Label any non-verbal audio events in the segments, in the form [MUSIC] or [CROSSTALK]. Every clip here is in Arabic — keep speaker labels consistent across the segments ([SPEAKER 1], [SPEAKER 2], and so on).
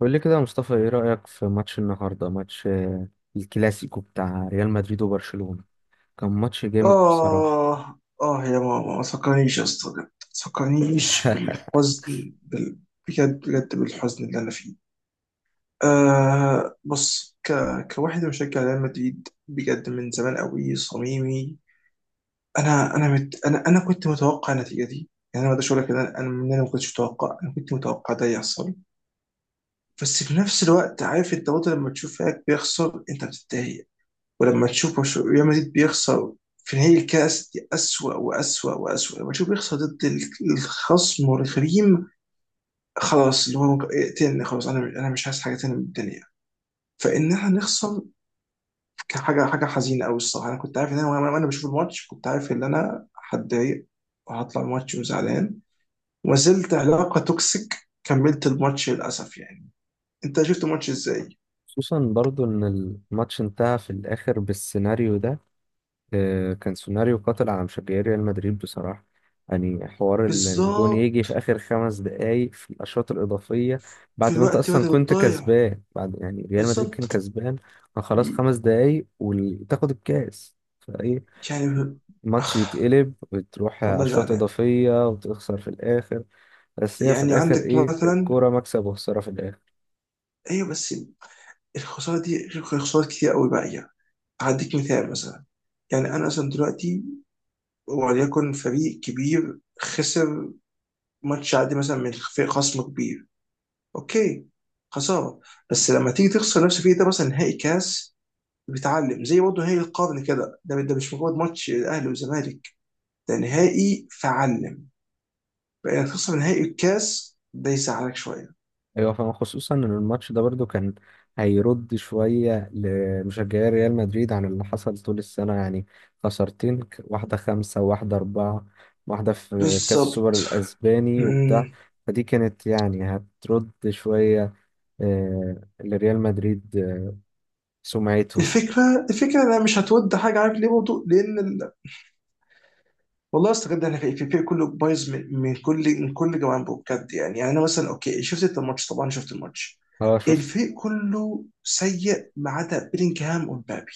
[SPEAKER 1] قول لي كده يا مصطفى، ايه رأيك في ماتش النهارده؟ ماتش آه، الكلاسيكو بتاع ريال مدريد وبرشلونة. كان ماتش جامد بصراحة.
[SPEAKER 2] آه، يا ماما ما تفكرنيش يا اسطى، بجد ما تفكرنيش
[SPEAKER 1] [LAUGHS]
[SPEAKER 2] بالحزن بجد بجد بالحزن اللي أنا فيه. آه، كواحد مشجع ريال مدريد بجد من زمان قوي صميمي. أنا كنت متوقع النتيجة دي. يعني أنا ما أقدرش أقول لك إن أنا، إن أنا ما كنتش متوقع. أنا كنت متوقع ده يحصل. بس في نفس الوقت، عارف أنت برضه لما تشوف فريقك بيخسر أنت بتتضايق. ولما تشوف ريال مدريد بيخسر في نهائي الكاس دي أسوأ وأسوأ وأسوأ، لما تشوف بيخسر ضد الخصم والغريم. خلاص، اقتلني خلاص، أنا مش عايز حاجة تانية من الدنيا. فإن إحنا نخسر كان حاجة حزينة أوي الصراحة. أنا كنت عارف إن أنا، وأنا بشوف الماتش، كنت عارف إن أنا هتضايق وهطلع الماتش وزعلان. وما زلت علاقة توكسيك، كملت الماتش للأسف يعني. أنت شفت الماتش إزاي؟
[SPEAKER 1] خصوصا برضو ان الماتش انتهى في الاخر بالسيناريو ده. كان سيناريو قاتل على مشجعي ريال مدريد بصراحة. يعني حوار الجون يجي
[SPEAKER 2] بالظبط،
[SPEAKER 1] في اخر 5 دقايق في الاشواط الاضافية،
[SPEAKER 2] في
[SPEAKER 1] بعد ما انت
[SPEAKER 2] الوقت
[SPEAKER 1] اصلا
[SPEAKER 2] بدل
[SPEAKER 1] كنت
[SPEAKER 2] الضايع.
[SPEAKER 1] كسبان، بعد يعني ريال مدريد كان
[SPEAKER 2] بالظبط
[SPEAKER 1] كسبان. كان خلاص 5 دقايق وتاخد الكاس فايه،
[SPEAKER 2] يعني.
[SPEAKER 1] ماتش يتقلب وتروح
[SPEAKER 2] والله
[SPEAKER 1] عشوات
[SPEAKER 2] زعلان.
[SPEAKER 1] إضافية وتخسر في الآخر. بس هي في
[SPEAKER 2] يعني
[SPEAKER 1] الآخر
[SPEAKER 2] عندك
[SPEAKER 1] إيه،
[SPEAKER 2] مثلا،
[SPEAKER 1] الكورة مكسب وخسارة في الآخر.
[SPEAKER 2] ايوه بس الخساره دي غير خسارات كتير قوي باقيه. هديك مثال مثلا. يعني انا مثلا دلوقتي، وليكن فريق كبير خسر ماتش عادي مثلا من فريق خصم كبير، اوكي، خساره. بس لما تيجي تخسر نفس الفريق ده مثلا نهائي كاس، بتتعلم زي برضه نهائي القرن كده، ده ده مش مجرد ماتش الاهلي والزمالك، ده نهائي فعلم. بقى تخسر نهائي الكاس ده يزعلك شويه.
[SPEAKER 1] أيوة فاهم، خصوصا إن الماتش ده برضو كان هيرد شوية لمشجعي ريال مدريد عن اللي حصل طول السنة يعني. خسارتين واحدة خمسة وواحدة أربعة، واحدة في كأس السوبر
[SPEAKER 2] بالظبط.
[SPEAKER 1] الأسباني وبتاع. فدي كانت يعني هترد شوية لريال مدريد. سمعته. [LAUGHS]
[SPEAKER 2] الفكره انها مش هتود حاجه، عارف ليه برضه؟ لان ال... والله استغربت، احنا في الفريق كله بايظ من كل من كل جوانبه بجد يعني. انا مثلا اوكي، شفت انت الماتش؟ طبعا شفت الماتش.
[SPEAKER 1] اه، شفت.
[SPEAKER 2] الفريق كله سيء ما عدا بيلينجهام ومبابي.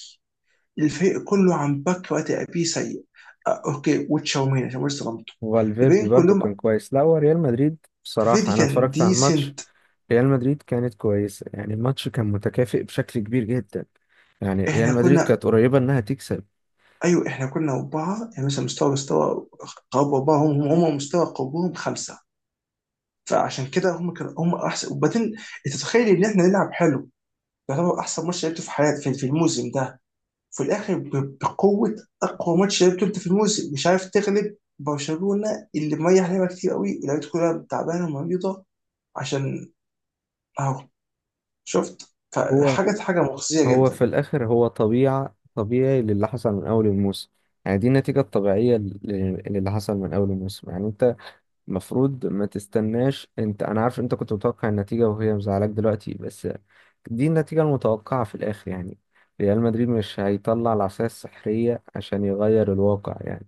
[SPEAKER 2] الفريق كله عن باك وقت ابي سيء. آه، اوكي، وتشاوميني عشان لسه ظلمته.
[SPEAKER 1] وفالفيردي
[SPEAKER 2] الباقيين
[SPEAKER 1] برضو
[SPEAKER 2] كلهم
[SPEAKER 1] كان كويس، لا هو ريال مدريد
[SPEAKER 2] ففيدي
[SPEAKER 1] بصراحة، أنا
[SPEAKER 2] كان
[SPEAKER 1] اتفرجت على الماتش.
[SPEAKER 2] ديسنت.
[SPEAKER 1] ريال مدريد كانت كويسة، يعني الماتش كان متكافئ بشكل كبير جدا، يعني ريال
[SPEAKER 2] احنا
[SPEAKER 1] مدريد
[SPEAKER 2] كنا،
[SPEAKER 1] كانت قريبة إنها تكسب.
[SPEAKER 2] ايوه احنا كنا اربعه يعني مثلا، مستوى قرب اربعه، هم مستوى قربهم خمسه. فعشان كده هم كانوا هم احسن. وبعدين انت تتخيل ان احنا نلعب حلو؟ يعتبر احسن ماتش لعبته في حياتي في الموسم ده، في الاخر بقوه. اقوى ماتش لعبته انت في الموسم، مش عارف تغلب برشلونه اللي مريح لعبه كتير قوي ولعبته كلها تعبانه ومريضه. عشان اهو شفت،
[SPEAKER 1] هو
[SPEAKER 2] فحاجه مخزيه
[SPEAKER 1] هو في
[SPEAKER 2] جدا.
[SPEAKER 1] الآخر، هو طبيعي للي حصل من أول الموسم يعني. دي النتيجة الطبيعية للي حصل من أول الموسم يعني. أنت المفروض ما تستناش، انت انا عارف انت كنت متوقع النتيجة وهي مزعلاك دلوقتي، بس دي النتيجة المتوقعة في الاخر يعني. ريال مدريد مش هيطلع العصاية السحرية عشان يغير الواقع يعني.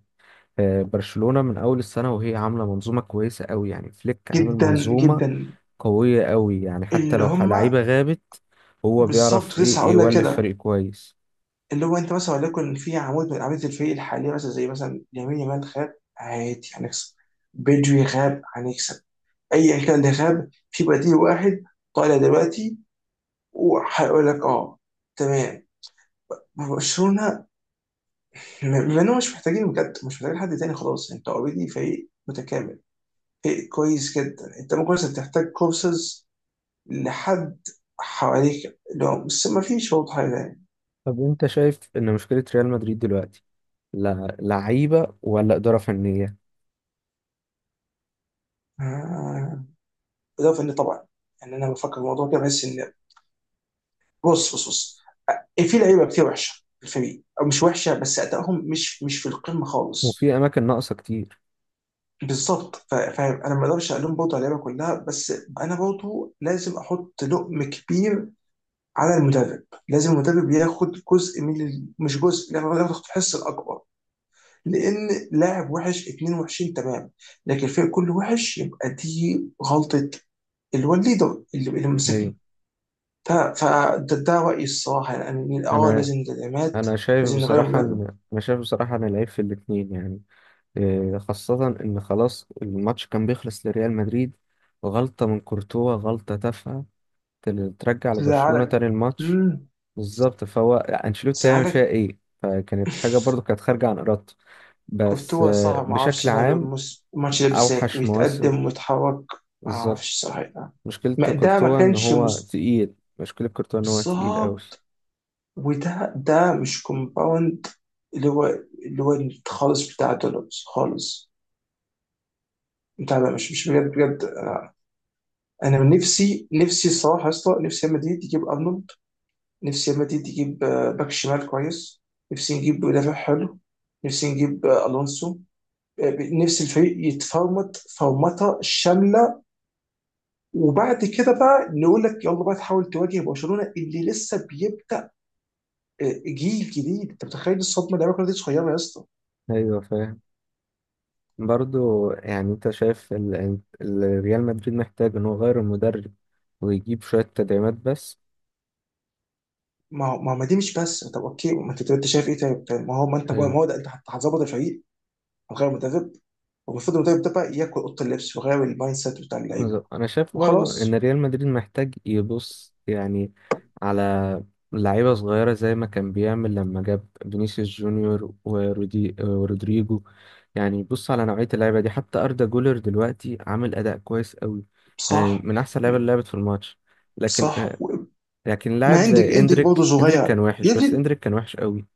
[SPEAKER 1] برشلونة من أول السنة وهي عاملة منظومة كويسة قوي، يعني فليك عامل
[SPEAKER 2] جدا
[SPEAKER 1] منظومة
[SPEAKER 2] جدا،
[SPEAKER 1] قوية قوي. يعني حتى
[SPEAKER 2] اللي
[SPEAKER 1] لو
[SPEAKER 2] هم.
[SPEAKER 1] لعيبة غابت، هو بيعرف
[SPEAKER 2] بالظبط، لسه
[SPEAKER 1] إيه،
[SPEAKER 2] هقول لك
[SPEAKER 1] يولف
[SPEAKER 2] كده.
[SPEAKER 1] فريق كويس.
[SPEAKER 2] اللي هو انت مثلا وليكن في عمود من اعمده الفريق الحاليه مثلا، زي مثلا يمين يامال غاب، عادي هنكسب. بدري غاب، هنكسب. ايا كان اللي غاب في بديل واحد طالع دلوقتي وهيقول لك اه، تمام. ما برشلونه بما انهم مش محتاجين، بجد مش محتاجين حد تاني خلاص، انت اوريدي فريق متكامل فريق كويس جدا. انت ممكن بس بتحتاج كورسز لحد حواليك، لو بس ما فيش برضه حاجه تاني.
[SPEAKER 1] طب أنت شايف إن مشكلة ريال مدريد دلوقتي لا لعيبة ولا إدارة فنية؟
[SPEAKER 2] آه. بالاضافه ان طبعا، يعني انا بفكر في الموضوع كده بحس ان، بص بص بص، في لعيبه كتير وحشه في الفريق او مش وحشه بس ادائهم مش في القمه خالص.
[SPEAKER 1] وفي أماكن ناقصة كتير.
[SPEAKER 2] بالظبط. فاهم، انا ما اقدرش الوم برضه على اللعيبه كلها، بس انا برضه لازم احط لقم كبير على المدرب. لازم المدرب ياخد جزء من ال... مش جزء، لا، هو ياخد الحصه الاكبر. لان لاعب وحش، اتنين وحشين، تمام. لكن الفريق كله وحش يبقى دي غلطه اللي هو الليدر اللي ماسكنا. فده رأيي الصراحة يعني. اه
[SPEAKER 1] انا
[SPEAKER 2] لازم تدعيمات، لازم نغير مدرب.
[SPEAKER 1] انا شايف بصراحه ان العيب في الاثنين يعني. إيه، خاصه ان خلاص الماتش كان بيخلص لريال مدريد، غلطه من كورتوا، غلطه تافهه، ترجع لبرشلونه
[SPEAKER 2] تزعلك.
[SPEAKER 1] تاني الماتش.
[SPEAKER 2] امم،
[SPEAKER 1] بالظبط، فهو انشيلوتي هيعمل فيها
[SPEAKER 2] تزعلك.
[SPEAKER 1] ايه؟ فكانت حاجه برضو كانت خارجه عن ارادته. بس
[SPEAKER 2] كورتوا صعب، ما اعرفش
[SPEAKER 1] بشكل
[SPEAKER 2] ماله
[SPEAKER 1] عام
[SPEAKER 2] الماتش ده بالذات،
[SPEAKER 1] اوحش مواسم.
[SPEAKER 2] ويتقدم ويتحرك. ما
[SPEAKER 1] بالظبط.
[SPEAKER 2] اعرفش صراحة. ما ده ما كانش مس-
[SPEAKER 1] مشكله كورتوا ان هو تقيل قوي.
[SPEAKER 2] بالظبط. وده مش كومباوند، اللي هو اللي هو خالص بتاع دولوز خالص، بتاع مش مش بجد بجد. انا من نفسي الصراحه يا اسطى، نفسي ريال مدريد يجيب ارنولد. نفسي ريال مدريد يجيب آه، باك شمال كويس. نفسي نجيب مدافع حلو. نفسي نجيب آه، الونسو. آه، نفسي الفريق يتفرمط فرمطه شامله، وبعد كده بقى نقول لك يلا بقى تحاول تواجه برشلونه اللي لسه بيبدا آه، جيل جديد. انت متخيل الصدمه؟ اللعيبه كلها دي صغيره يا اسطى.
[SPEAKER 1] ايوه فاهم. برضو يعني انت شايف ريال مدريد محتاج ان هو يغير المدرب ويجيب شوية تدعيمات بس؟
[SPEAKER 2] ما دي مش بس. طب اوكي، ما انت شايف ايه؟ طيب طيب، ما هو ما انت، ما
[SPEAKER 1] هي-
[SPEAKER 2] هو ده انت هتظبط الفريق، هتغير مدرب. والمفروض المدرب ده بقى ياكل اوضه اللبس ويغير المايند سيت بتاع اللعيبه
[SPEAKER 1] انا شايف برضو ان
[SPEAKER 2] وخلاص.
[SPEAKER 1] ريال مدريد محتاج يبص يعني على لعيبة صغيرة زي ما كان بيعمل لما جاب فينيسيوس جونيور ورودي ورودريجو. يعني يبص على نوعية اللعيبة دي، حتى أردا جولر دلوقتي عامل أداء كويس قوي، يعني
[SPEAKER 2] صح.
[SPEAKER 1] من أحسن اللعيبة اللي لعبت في الماتش. لكن
[SPEAKER 2] صح.
[SPEAKER 1] آه، لكن
[SPEAKER 2] ما
[SPEAKER 1] لاعب
[SPEAKER 2] عندك،
[SPEAKER 1] زي
[SPEAKER 2] عندك برضه
[SPEAKER 1] اندريك، اندريك كان
[SPEAKER 2] صغير يا
[SPEAKER 1] وحش، بس
[SPEAKER 2] ابني،
[SPEAKER 1] اندريك كان وحش قوي.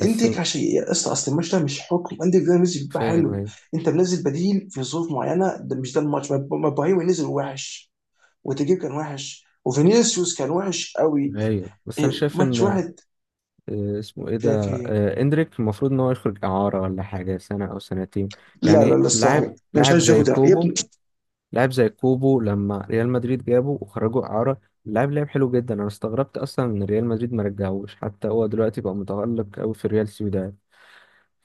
[SPEAKER 1] بس
[SPEAKER 2] عندك. عشان يا اسطى اصل الماتش ده مش حكم، عندك ده نزل بيبقى
[SPEAKER 1] فاهم،
[SPEAKER 2] حلو.
[SPEAKER 1] ايوه.
[SPEAKER 2] انت منزل بديل في ظروف معينه، ده مش ده الماتش. ما ابراهيم نزل وحش، وتجيب كان وحش، وفينيسيوس كان وحش قوي.
[SPEAKER 1] ايوه بس
[SPEAKER 2] إيه،
[SPEAKER 1] انا شايف
[SPEAKER 2] ماتش
[SPEAKER 1] ان
[SPEAKER 2] واحد
[SPEAKER 1] اسمه ايه ده،
[SPEAKER 2] في في.
[SPEAKER 1] اندريك المفروض ان هو يخرج اعاره ولا حاجه، سنه او سنتين.
[SPEAKER 2] لا لا
[SPEAKER 1] يعني
[SPEAKER 2] لا الصراحه، انا مش عايز ياخد يا ابني.
[SPEAKER 1] لاعب زي كوبو لما ريال مدريد جابه وخرجوا اعاره، اللاعب لعب حلو جدا. انا استغربت اصلا ان ريال مدريد ما رجعوش، حتى هو دلوقتي بقى متألق قوي في ريال سوسيداد.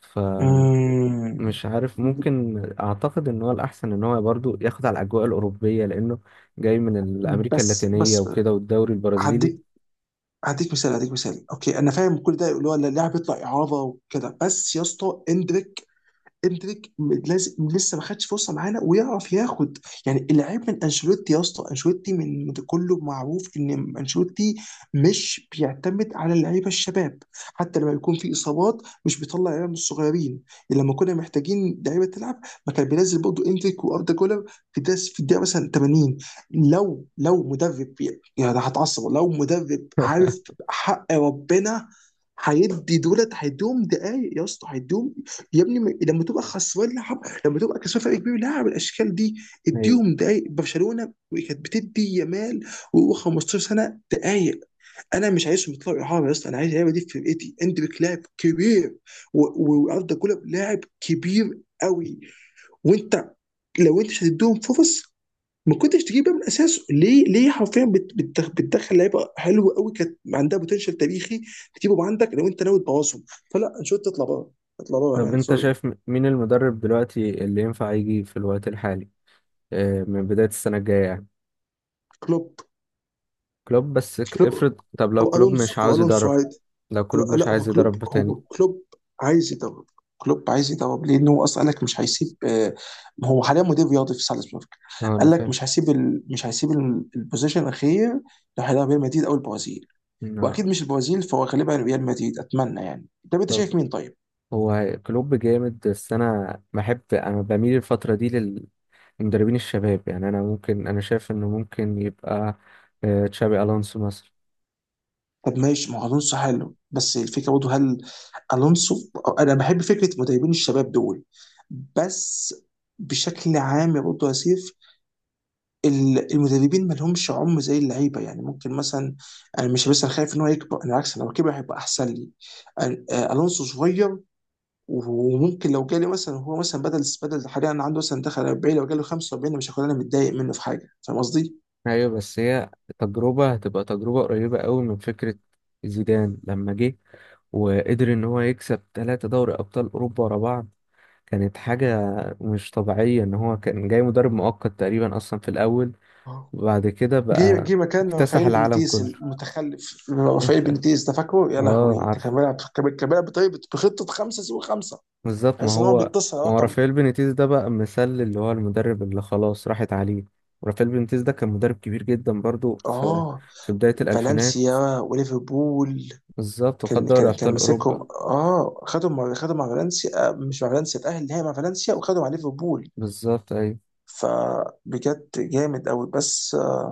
[SPEAKER 1] فمش
[SPEAKER 2] أمم.
[SPEAKER 1] عارف، ممكن اعتقد ان هو الاحسن ان هو برضو ياخد على الاجواء الاوروبيه، لانه جاي من الامريكا
[SPEAKER 2] بس
[SPEAKER 1] اللاتينيه
[SPEAKER 2] بس،
[SPEAKER 1] وكده والدوري البرازيلي.
[SPEAKER 2] هديك هديك مثال اوكي، انا فاهم كل ده اللي هو اللاعب يطلع اعاره وكده، بس يا اسطى، لازم لسه ما خدش فرصه معانا ويعرف ياخد. يعني العيب من انشيلوتي يا اسطى. انشيلوتي من كله معروف ان انشيلوتي مش بيعتمد على اللعيبه الشباب. حتى لما يكون في اصابات مش بيطلع لعيبه من الصغيرين. لما كنا محتاجين لعيبه تلعب ما كان بينزل برضه اندريك واردا جولر في داس في الدقيقه مثلا 80. لو مدرب يعني، أنا هتعصب لو مدرب، عارف حق ربنا. هيدي دولت، هيدوم دقايق يا اسطى، هيدوم. يا ابني، لما تبقى خسران لعب، لما تبقى كسبان فرق كبير لعب الاشكال دي، اديهم دقايق. برشلونه كانت بتدي يامال وهو 15 سنه دقايق. انا مش عايزهم يطلعوا اعاره يا اسطى، انا عايز اللعيبه دي في فرقتي. اندريك لاعب كبير، واردا جولر لاعب كبير قوي. وانت لو انت مش هتديهم فرص، ما كنتش تجيبها من اساسه. ليه؟ ليه حرفيا بتدخل لعيبه حلوه قوي كانت عندها بوتنشال تاريخي، تجيبهم عندك لو انت ناوي تبوظهم؟ فلا، انشوت تطلع بره. اطلع بره يا
[SPEAKER 1] طب
[SPEAKER 2] مان،
[SPEAKER 1] انت
[SPEAKER 2] سوري.
[SPEAKER 1] شايف مين المدرب دلوقتي اللي ينفع يجي في الوقت الحالي، من بداية السنة الجاية يعني؟
[SPEAKER 2] كلوب.
[SPEAKER 1] كلوب. بس
[SPEAKER 2] كلوب
[SPEAKER 1] افرض، طب لو كلوب مش
[SPEAKER 2] او
[SPEAKER 1] عاوز
[SPEAKER 2] الونسو
[SPEAKER 1] يدرب،
[SPEAKER 2] عادي.
[SPEAKER 1] لو كلوب
[SPEAKER 2] لا, لا،
[SPEAKER 1] مش عايز يدرب
[SPEAKER 2] هو
[SPEAKER 1] تاني؟
[SPEAKER 2] كلوب عايز يدرب. كلوب عايز يدرب، لان هو اصلا قال لك مش هيسيب آه،. هو حاليا مدير رياضي في سالزبورج.
[SPEAKER 1] اه انا
[SPEAKER 2] قال لك
[SPEAKER 1] فاهم.
[SPEAKER 2] مش هيسيب ال... مش هيسيب البوزيشن الاخير لو هيلعب ريال مدريد او البرازيل. واكيد
[SPEAKER 1] آه،
[SPEAKER 2] مش البرازيل، فهو غالبا ريال مدريد، اتمنى يعني. طب انت
[SPEAKER 1] طب
[SPEAKER 2] شايف مين طيب؟
[SPEAKER 1] هو كلوب جامد، بس انا بميل الفترة دي للمدربين الشباب. يعني انا شايف انه ممكن يبقى تشابي الونسو مثلا.
[SPEAKER 2] طب ماشي، ما هو الونسو حلو، بس الفكره برضه، هل الونسو... انا بحب فكره مدربين الشباب دول، بس بشكل عام يا برضه يا سيف، المدربين ما لهمش عمر زي اللعيبه يعني. ممكن مثلا انا مش بس انا خايف ان هو يكبر، انا بالعكس لو كبر هيبقى احسن لي. آه، الونسو صغير، وممكن لو جالي مثلا، هو مثلا بدل حاليا عنده مثلا دخل 40، لو جاله 45 أنا مش هكون متضايق منه في حاجه، فاهم قصدي؟
[SPEAKER 1] ايوه بس هي تجربة، هتبقى تجربة قريبة قوي من فكرة زيدان لما جه، وقدر ان هو يكسب 3 دوري ابطال اوروبا ورا بعض. كانت حاجة مش طبيعية، ان هو كان جاي مدرب مؤقت تقريبا اصلا في الاول،
[SPEAKER 2] آه.
[SPEAKER 1] وبعد كده
[SPEAKER 2] جه
[SPEAKER 1] بقى
[SPEAKER 2] جه مكان
[SPEAKER 1] اكتسح
[SPEAKER 2] رافائيل
[SPEAKER 1] العالم
[SPEAKER 2] بنيتيز
[SPEAKER 1] كله.
[SPEAKER 2] المتخلف. رافائيل بنيتيز ده فاكره؟ يا
[SPEAKER 1] اه
[SPEAKER 2] لهوي ده
[SPEAKER 1] عارف.
[SPEAKER 2] كان بيلعب، كان بيلعب بطريقه بخطه خمسه سوى خمسه،
[SPEAKER 1] بالظبط. ما
[SPEAKER 2] تحس ان هو
[SPEAKER 1] هو
[SPEAKER 2] بيتصل على
[SPEAKER 1] ما هو
[SPEAKER 2] رقم.
[SPEAKER 1] رافائيل بينيتيز ده بقى مثال، اللي هو المدرب اللي خلاص راحت عليه. رافائيل بينيتيز ده كان مدرب كبير جدا برضو في
[SPEAKER 2] اه،
[SPEAKER 1] في بداية الالفينات.
[SPEAKER 2] فالنسيا وليفربول.
[SPEAKER 1] بالظبط، وخد
[SPEAKER 2] كان
[SPEAKER 1] دوري
[SPEAKER 2] كان كان
[SPEAKER 1] ابطال اوروبا.
[SPEAKER 2] ماسكهم، اه، خدهم مع فالنسيا، آه، مش مع فالنسيا، اتأهل النهائي مع فالنسيا، وخدهم مع ليفربول.
[SPEAKER 1] بالظبط، ايوه.
[SPEAKER 2] فبجد جامد قوي، بس آه،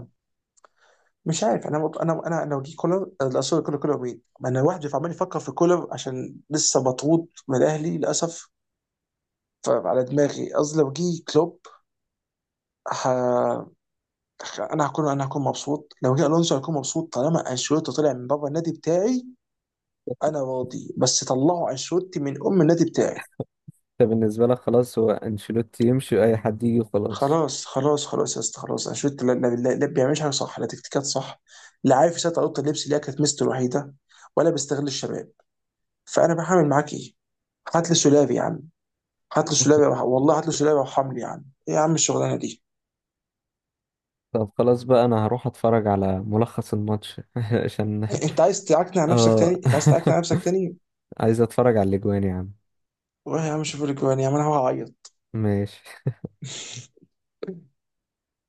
[SPEAKER 2] مش عارف. انا لو جه كولر، آه، لا سوري، كولر، كولر مين؟ ما انا واحد عمال يفكر في كولر عشان لسه مطرود من الاهلي للاسف، فعلى دماغي. قصدي لو جه كلوب، ه..., انا هكون مبسوط. لو جه الونسو هكون مبسوط. طالما انشيلوتي طلع من بابا النادي بتاعي انا راضي، بس طلعوا انشيلوتي من ام النادي بتاعي.
[SPEAKER 1] انت بالنسبه لك خلاص هو انشيلوتي يمشي اي حد يجي وخلاص؟
[SPEAKER 2] خلاص يا اسطى خلاص، انشيلوتي لا لا بيعملش حاجه صح، لا تكتيكات صح، لا عارف يسيطر على اوضه اللبس اللي هي كانت ميزته الوحيده، ولا بيستغل الشباب. فانا بعمل معاك ايه؟ هات لي سولافي يا عم، هات لي سولافي والله، هات لي سولافي، وحملي يا عم، ايه يا عم الشغلانه دي؟
[SPEAKER 1] طب خلاص بقى، انا هروح اتفرج على ملخص الماتش [LAUGHS] عشان.
[SPEAKER 2] إيه، انت عايز تعكنع نفسك
[SPEAKER 1] اه.
[SPEAKER 2] تاني؟ انت عايز تعكنع نفسك تاني؟
[SPEAKER 1] [LAUGHS] عايز اتفرج على الاجوان يا عم.
[SPEAKER 2] روح يا عم، شوف لك جوان يا عم، انا هعيط.
[SPEAKER 1] ماشي.